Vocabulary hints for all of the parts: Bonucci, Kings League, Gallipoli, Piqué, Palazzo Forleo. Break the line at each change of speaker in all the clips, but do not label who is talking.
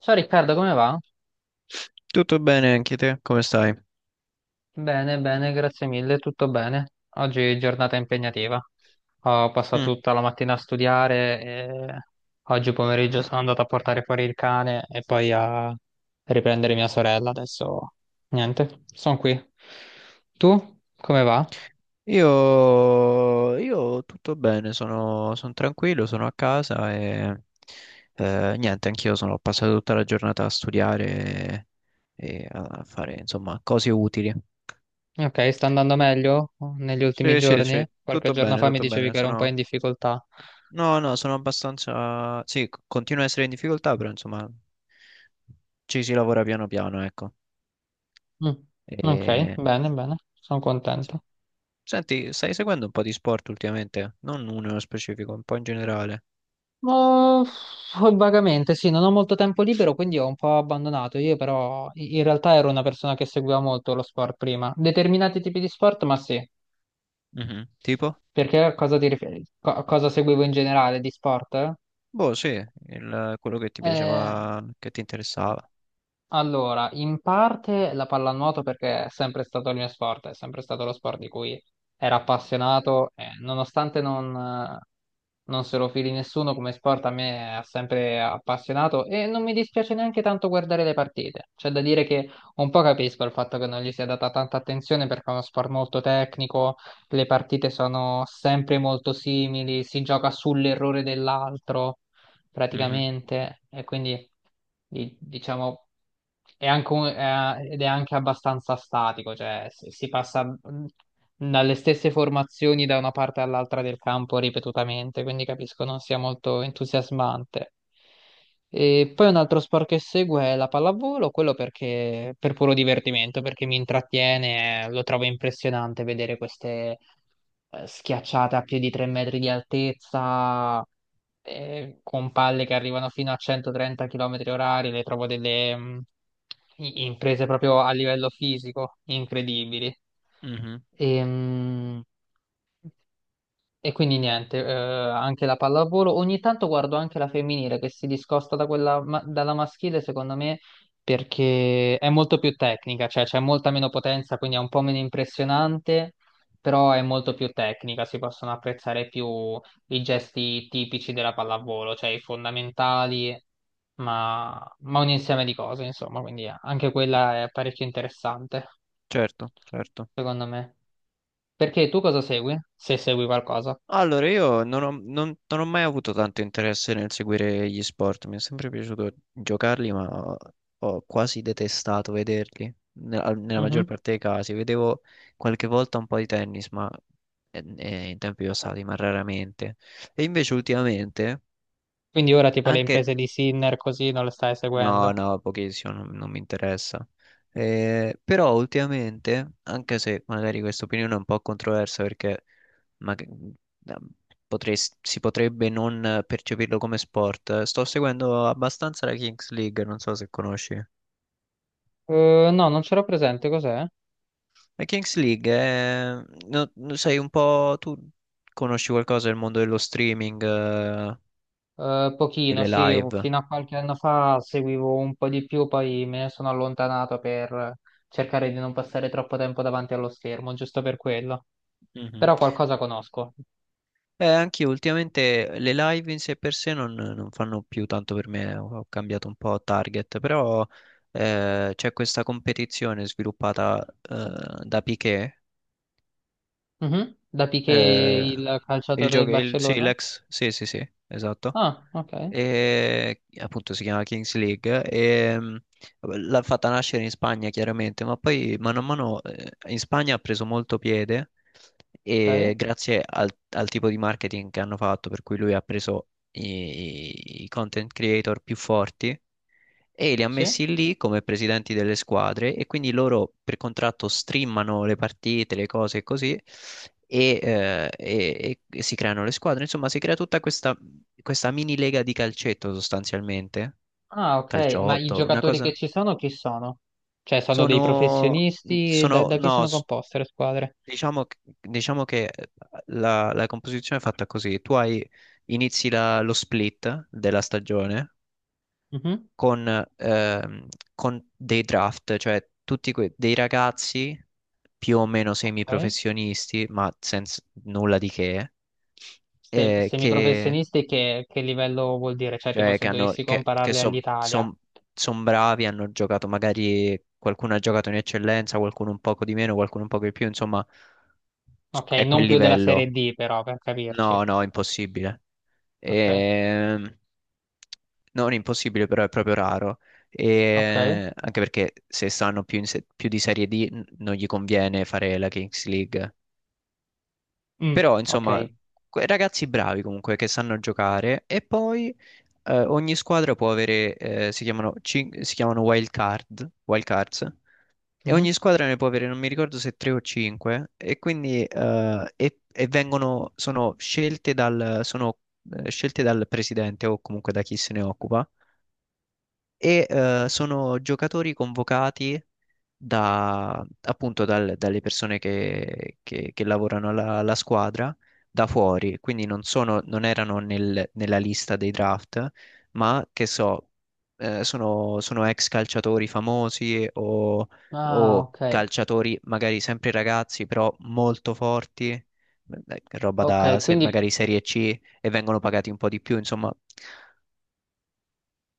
Ciao Riccardo, come va?
Tutto bene anche te? Come stai?
Bene, bene, grazie mille, tutto bene. Oggi è giornata impegnativa. Ho passato
Mm.
tutta la mattina a studiare e oggi pomeriggio sono andato a portare fuori il cane e poi a riprendere mia sorella. Adesso niente, sono qui. Tu come va?
Io tutto bene, sono tranquillo, sono a casa e niente, anch'io sono passato tutta la giornata a studiare e a fare insomma cose utili.
Ok, sta andando meglio negli ultimi
Sì, sì,
giorni?
sì,
Qualche
tutto
giorno
bene,
fa mi
tutto
dicevi
bene.
che ero un po'
Sono...
in difficoltà.
No, no, sono abbastanza... Sì, continuo a essere in difficoltà, però insomma ci si lavora piano piano, ecco.
Mm. Ok,
E...
bene, bene, sono contento.
Senti, stai seguendo un po' di sport ultimamente? Non uno nello specifico, un po' in generale.
Oh, vagamente, sì, non ho molto tempo libero, quindi ho un po' abbandonato. Io però in realtà ero una persona che seguiva molto lo sport prima. Determinati tipi di sport, ma sì.
Mhm. Tipo?
Perché a cosa ti riferi? A cosa seguivo in generale di sport?
Boh, sì, quello che ti
Eh,
piaceva, che ti interessava.
Allora, in parte la pallanuoto perché è sempre stato il mio sport, è sempre stato lo sport di cui ero appassionato, e nonostante non, non se lo fili nessuno come sport, a me ha sempre appassionato e non mi dispiace neanche tanto guardare le partite. C'è da dire che un po' capisco il fatto che non gli sia data tanta attenzione perché è uno sport molto tecnico, le partite sono sempre molto simili, si gioca sull'errore dell'altro
Mhm,
praticamente, e quindi diciamo è anche ed è anche abbastanza statico, cioè si passa dalle stesse formazioni da una parte all'altra del campo ripetutamente, quindi capisco non sia molto entusiasmante. E poi un altro sport che seguo è la pallavolo, quello perché per puro divertimento, perché mi intrattiene, lo trovo impressionante vedere queste schiacciate a più di 3 metri di altezza, con palle che arrivano fino a 130 km orari, le trovo delle imprese proprio a livello fisico incredibili.
mhm.
E, mm, e quindi niente, anche la pallavolo. Ogni tanto guardo anche la femminile che si discosta da quella dalla maschile, secondo me, perché è molto più tecnica, cioè c'è molta meno potenza, quindi è un po' meno impressionante, però è molto più tecnica, si possono apprezzare più i gesti tipici della pallavolo, cioè i fondamentali, ma un insieme di cose, insomma, quindi anche quella è parecchio interessante,
Certo, certo.
secondo me. Perché tu cosa segui? Se segui qualcosa.
Allora, io non ho mai avuto tanto interesse nel seguire gli sport. Mi è sempre piaciuto giocarli, ma ho quasi detestato vederli. Nella maggior
Mhm.
parte dei casi. Vedevo qualche volta un po' di tennis, ma in tempi passati, ma raramente. E invece ultimamente.
Quindi ora tipo le imprese
Anche
di Sinner così non le stai
no,
seguendo.
no, pochissimo, non mi interessa. Però ultimamente, anche se magari questa opinione è un po' controversa perché ma- da- si potrebbe non percepirlo come sport, sto seguendo abbastanza la Kings League, non so se conosci.
No, non c'ero presente, cos'è?
La Kings League è, no, sai un po', tu conosci qualcosa del mondo dello streaming,
Pochino,
delle
sì,
live?
fino a qualche anno fa seguivo un po' di più, poi me ne sono allontanato per cercare di non passare troppo tempo davanti allo schermo, giusto per quello.
Mhm.
Però qualcosa conosco.
Anche io ultimamente le live in sé per sé non fanno più tanto per me, ho cambiato un po' target, però c'è questa competizione sviluppata da Piqué,
Mhm. Da Piqué,
eh,
il calciatore del
sì,
Barcellona?
l'ex, sì, sì, sì, esatto
Ah, ok,
e appunto si chiama Kings League e l'ha fatta nascere in Spagna chiaramente, ma poi mano a mano in Spagna ha preso molto piede
ok,
e grazie al tipo di marketing che hanno fatto, per cui lui ha preso i content creator più forti e li ha
sì.
messi lì come presidenti delle squadre e quindi loro per contratto streamano le partite, le cose e così e si creano le squadre. Insomma, si crea tutta questa mini lega di calcetto sostanzialmente,
Ah, ok, ma i
calciotto, una
giocatori che
cosa.
ci sono chi sono? Cioè, sono dei
Sono,
professionisti?
sono
Da chi
no,
sono composte le squadre?
diciamo che la composizione è fatta così. Inizi lo split della stagione
Mhm.
con, ehm, con dei draft, cioè dei ragazzi più o meno
Ok.
semiprofessionisti, ma senza nulla di
Se,
che,
semiprofessionisti che livello vuol dire? Cioè, tipo
cioè,
se
che hanno,
dovessi
che
compararli
so-
all'Italia.
son- son bravi, hanno giocato magari, qualcuno ha giocato in eccellenza, qualcuno un poco di meno, qualcuno un poco di più, insomma,
Ok,
è
non
quel
più della Serie
livello.
D però, per capirci.
No, no, impossibile.
Ok,
Ehm, non impossibile, però è proprio raro.
ok.
E anche perché se stanno più, in se- più di Serie D non gli conviene fare la Kings League.
Mm,
Però, insomma,
ok.
ragazzi bravi comunque che sanno giocare. E poi ogni squadra può avere, si chiamano wild card, wild cards. E
Mhm.
ogni squadra ne può avere, non mi ricordo se 3 o 5, e quindi e vengono, scelte dal presidente o comunque da chi se ne occupa, sono giocatori convocati da, dalle persone che lavorano alla squadra da fuori, quindi non sono, non erano nel- nella lista dei draft, ma che so, sono ex calciatori famosi
Ah,
o
ok.
calciatori magari sempre ragazzi, però molto forti, roba
Ok,
da se-
quindi
magari Serie C e vengono pagati un po' di più, insomma,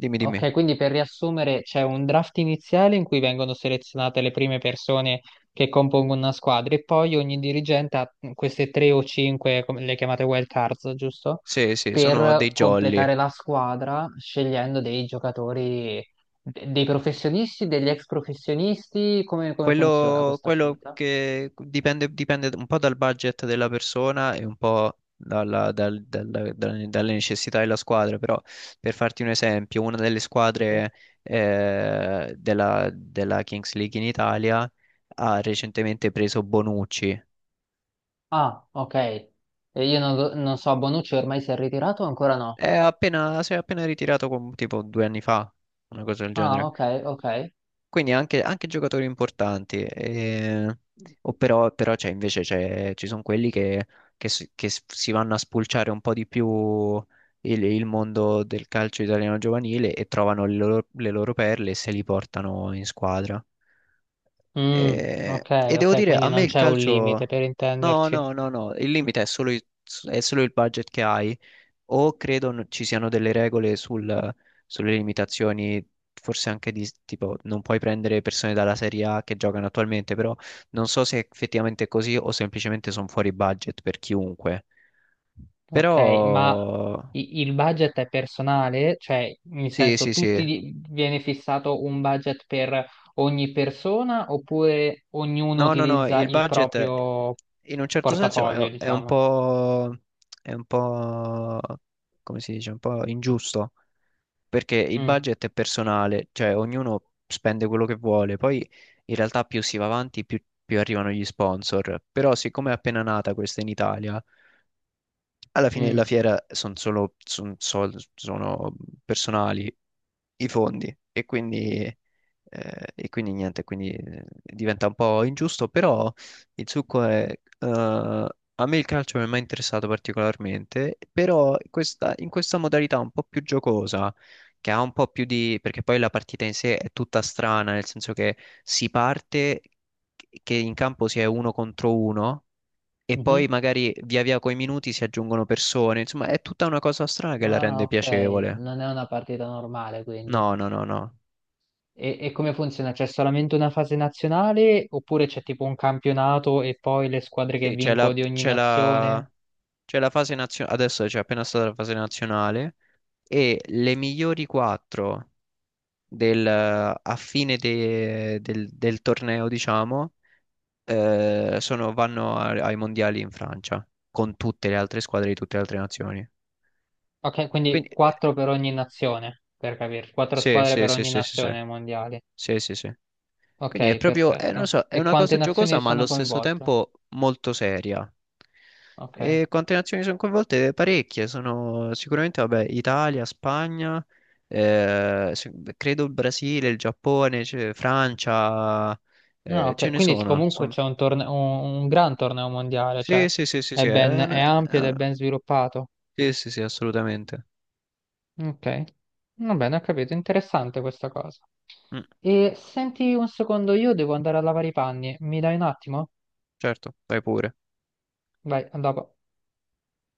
dimmi, dimmi.
Ok, quindi per riassumere c'è un draft iniziale in cui vengono selezionate le prime persone che compongono una squadra e poi ogni dirigente ha queste tre o cinque, come le chiamate wild cards, giusto?
Sì, sì, sono dei
Per
jolly.
completare la squadra scegliendo dei giocatori, dei professionisti, degli ex professionisti, come funziona questa scelta?
Dipende un po' dal budget della persona e un po' dalle necessità della squadra, però per farti un esempio, una delle
Mhm.
squadre della Kings League in Italia ha recentemente preso Bonucci.
Ah, ok. E io non so, Bonucci ormai si è ritirato o ancora no?
È appena, si è appena ritirato tipo 2 anni fa, una cosa del
Ah,
genere.
ok, ok.
Quindi anche, anche giocatori importanti, però ci sono quelli che, si vanno a spulciare un po' di più il mondo del calcio italiano giovanile e trovano le loro perle e se li portano in squadra.
Mm, ok,
E devo
ok,
dire,
quindi
a me
non
il
c'è un limite
calcio...
per
No,
intenderci.
no, no, no, il limite è solo è solo il budget che hai o credo ci siano delle regole sulle limitazioni, forse anche di tipo non puoi prendere persone dalla Serie A che giocano attualmente, però non so se è effettivamente così o semplicemente sono fuori budget per chiunque.
Ok,
Però
ma il budget è personale? Cioè, nel
sì,
senso,
sì, sì.
viene fissato un budget per ogni persona oppure ognuno
No, no, no,
utilizza
il
il
budget
proprio
in un certo senso
portafoglio, diciamo?
è un po', come si dice, un po' ingiusto, perché il
Mm,
budget è personale, cioè ognuno spende quello che vuole, poi in realtà più si va avanti più arrivano gli sponsor, però siccome è appena nata questa in Italia, alla fine della
mm,
fiera sono solo son sol- sono personali i fondi e quindi niente, quindi diventa un po' ingiusto, però il succo è... eh, a me il calcio non mi è mai interessato particolarmente, però in questa modalità un po' più giocosa, che ha un po' più di... perché poi la partita in sé è tutta strana, nel senso che si parte che in campo si è uno contro uno e poi
mhm.
magari via via coi minuti si aggiungono persone, insomma è tutta una cosa strana che la
Ah,
rende
ok,
piacevole.
non è una partita normale, quindi.
No, no, no, no.
E come funziona? C'è solamente una fase nazionale oppure c'è tipo un campionato e poi le squadre che
Sì,
vincono di ogni nazione?
c'è la fase nazionale, adesso c'è appena stata la fase nazionale e le migliori 4 a fine del torneo, diciamo, vanno ai mondiali in Francia con tutte le altre squadre di tutte le altre nazioni.
Ok, quindi
Quindi,
quattro per ogni nazione, per capire, quattro
sì,
squadre
sì,
per
sì,
ogni
sì, sì, sì,
nazione ai mondiali.
sì, sì. Sì. Quindi è
Ok,
proprio, non lo
perfetto.
so, è
E
una cosa
quante
giocosa
nazioni
ma allo
sono
stesso
coinvolte?
tempo molto seria.
Ok.
E quante nazioni sono coinvolte? Parecchie, sono sicuramente, vabbè, Italia, Spagna, credo il Brasile, il Giappone, c'è Francia,
No,
ce
ok,
ne
quindi
sono.
comunque c'è un gran torneo mondiale, cioè
Sì, sì, sì, sì,
è
sì,
ben, è ampio
è
ed è
una
ben sviluppato.
sì, sì, sì, assolutamente.
Ok, va bene, ho capito, interessante questa cosa.
Mm,
E senti un secondo, io devo andare a lavare i panni, mi dai un attimo?
certo, vai pure.
Vai, a dopo.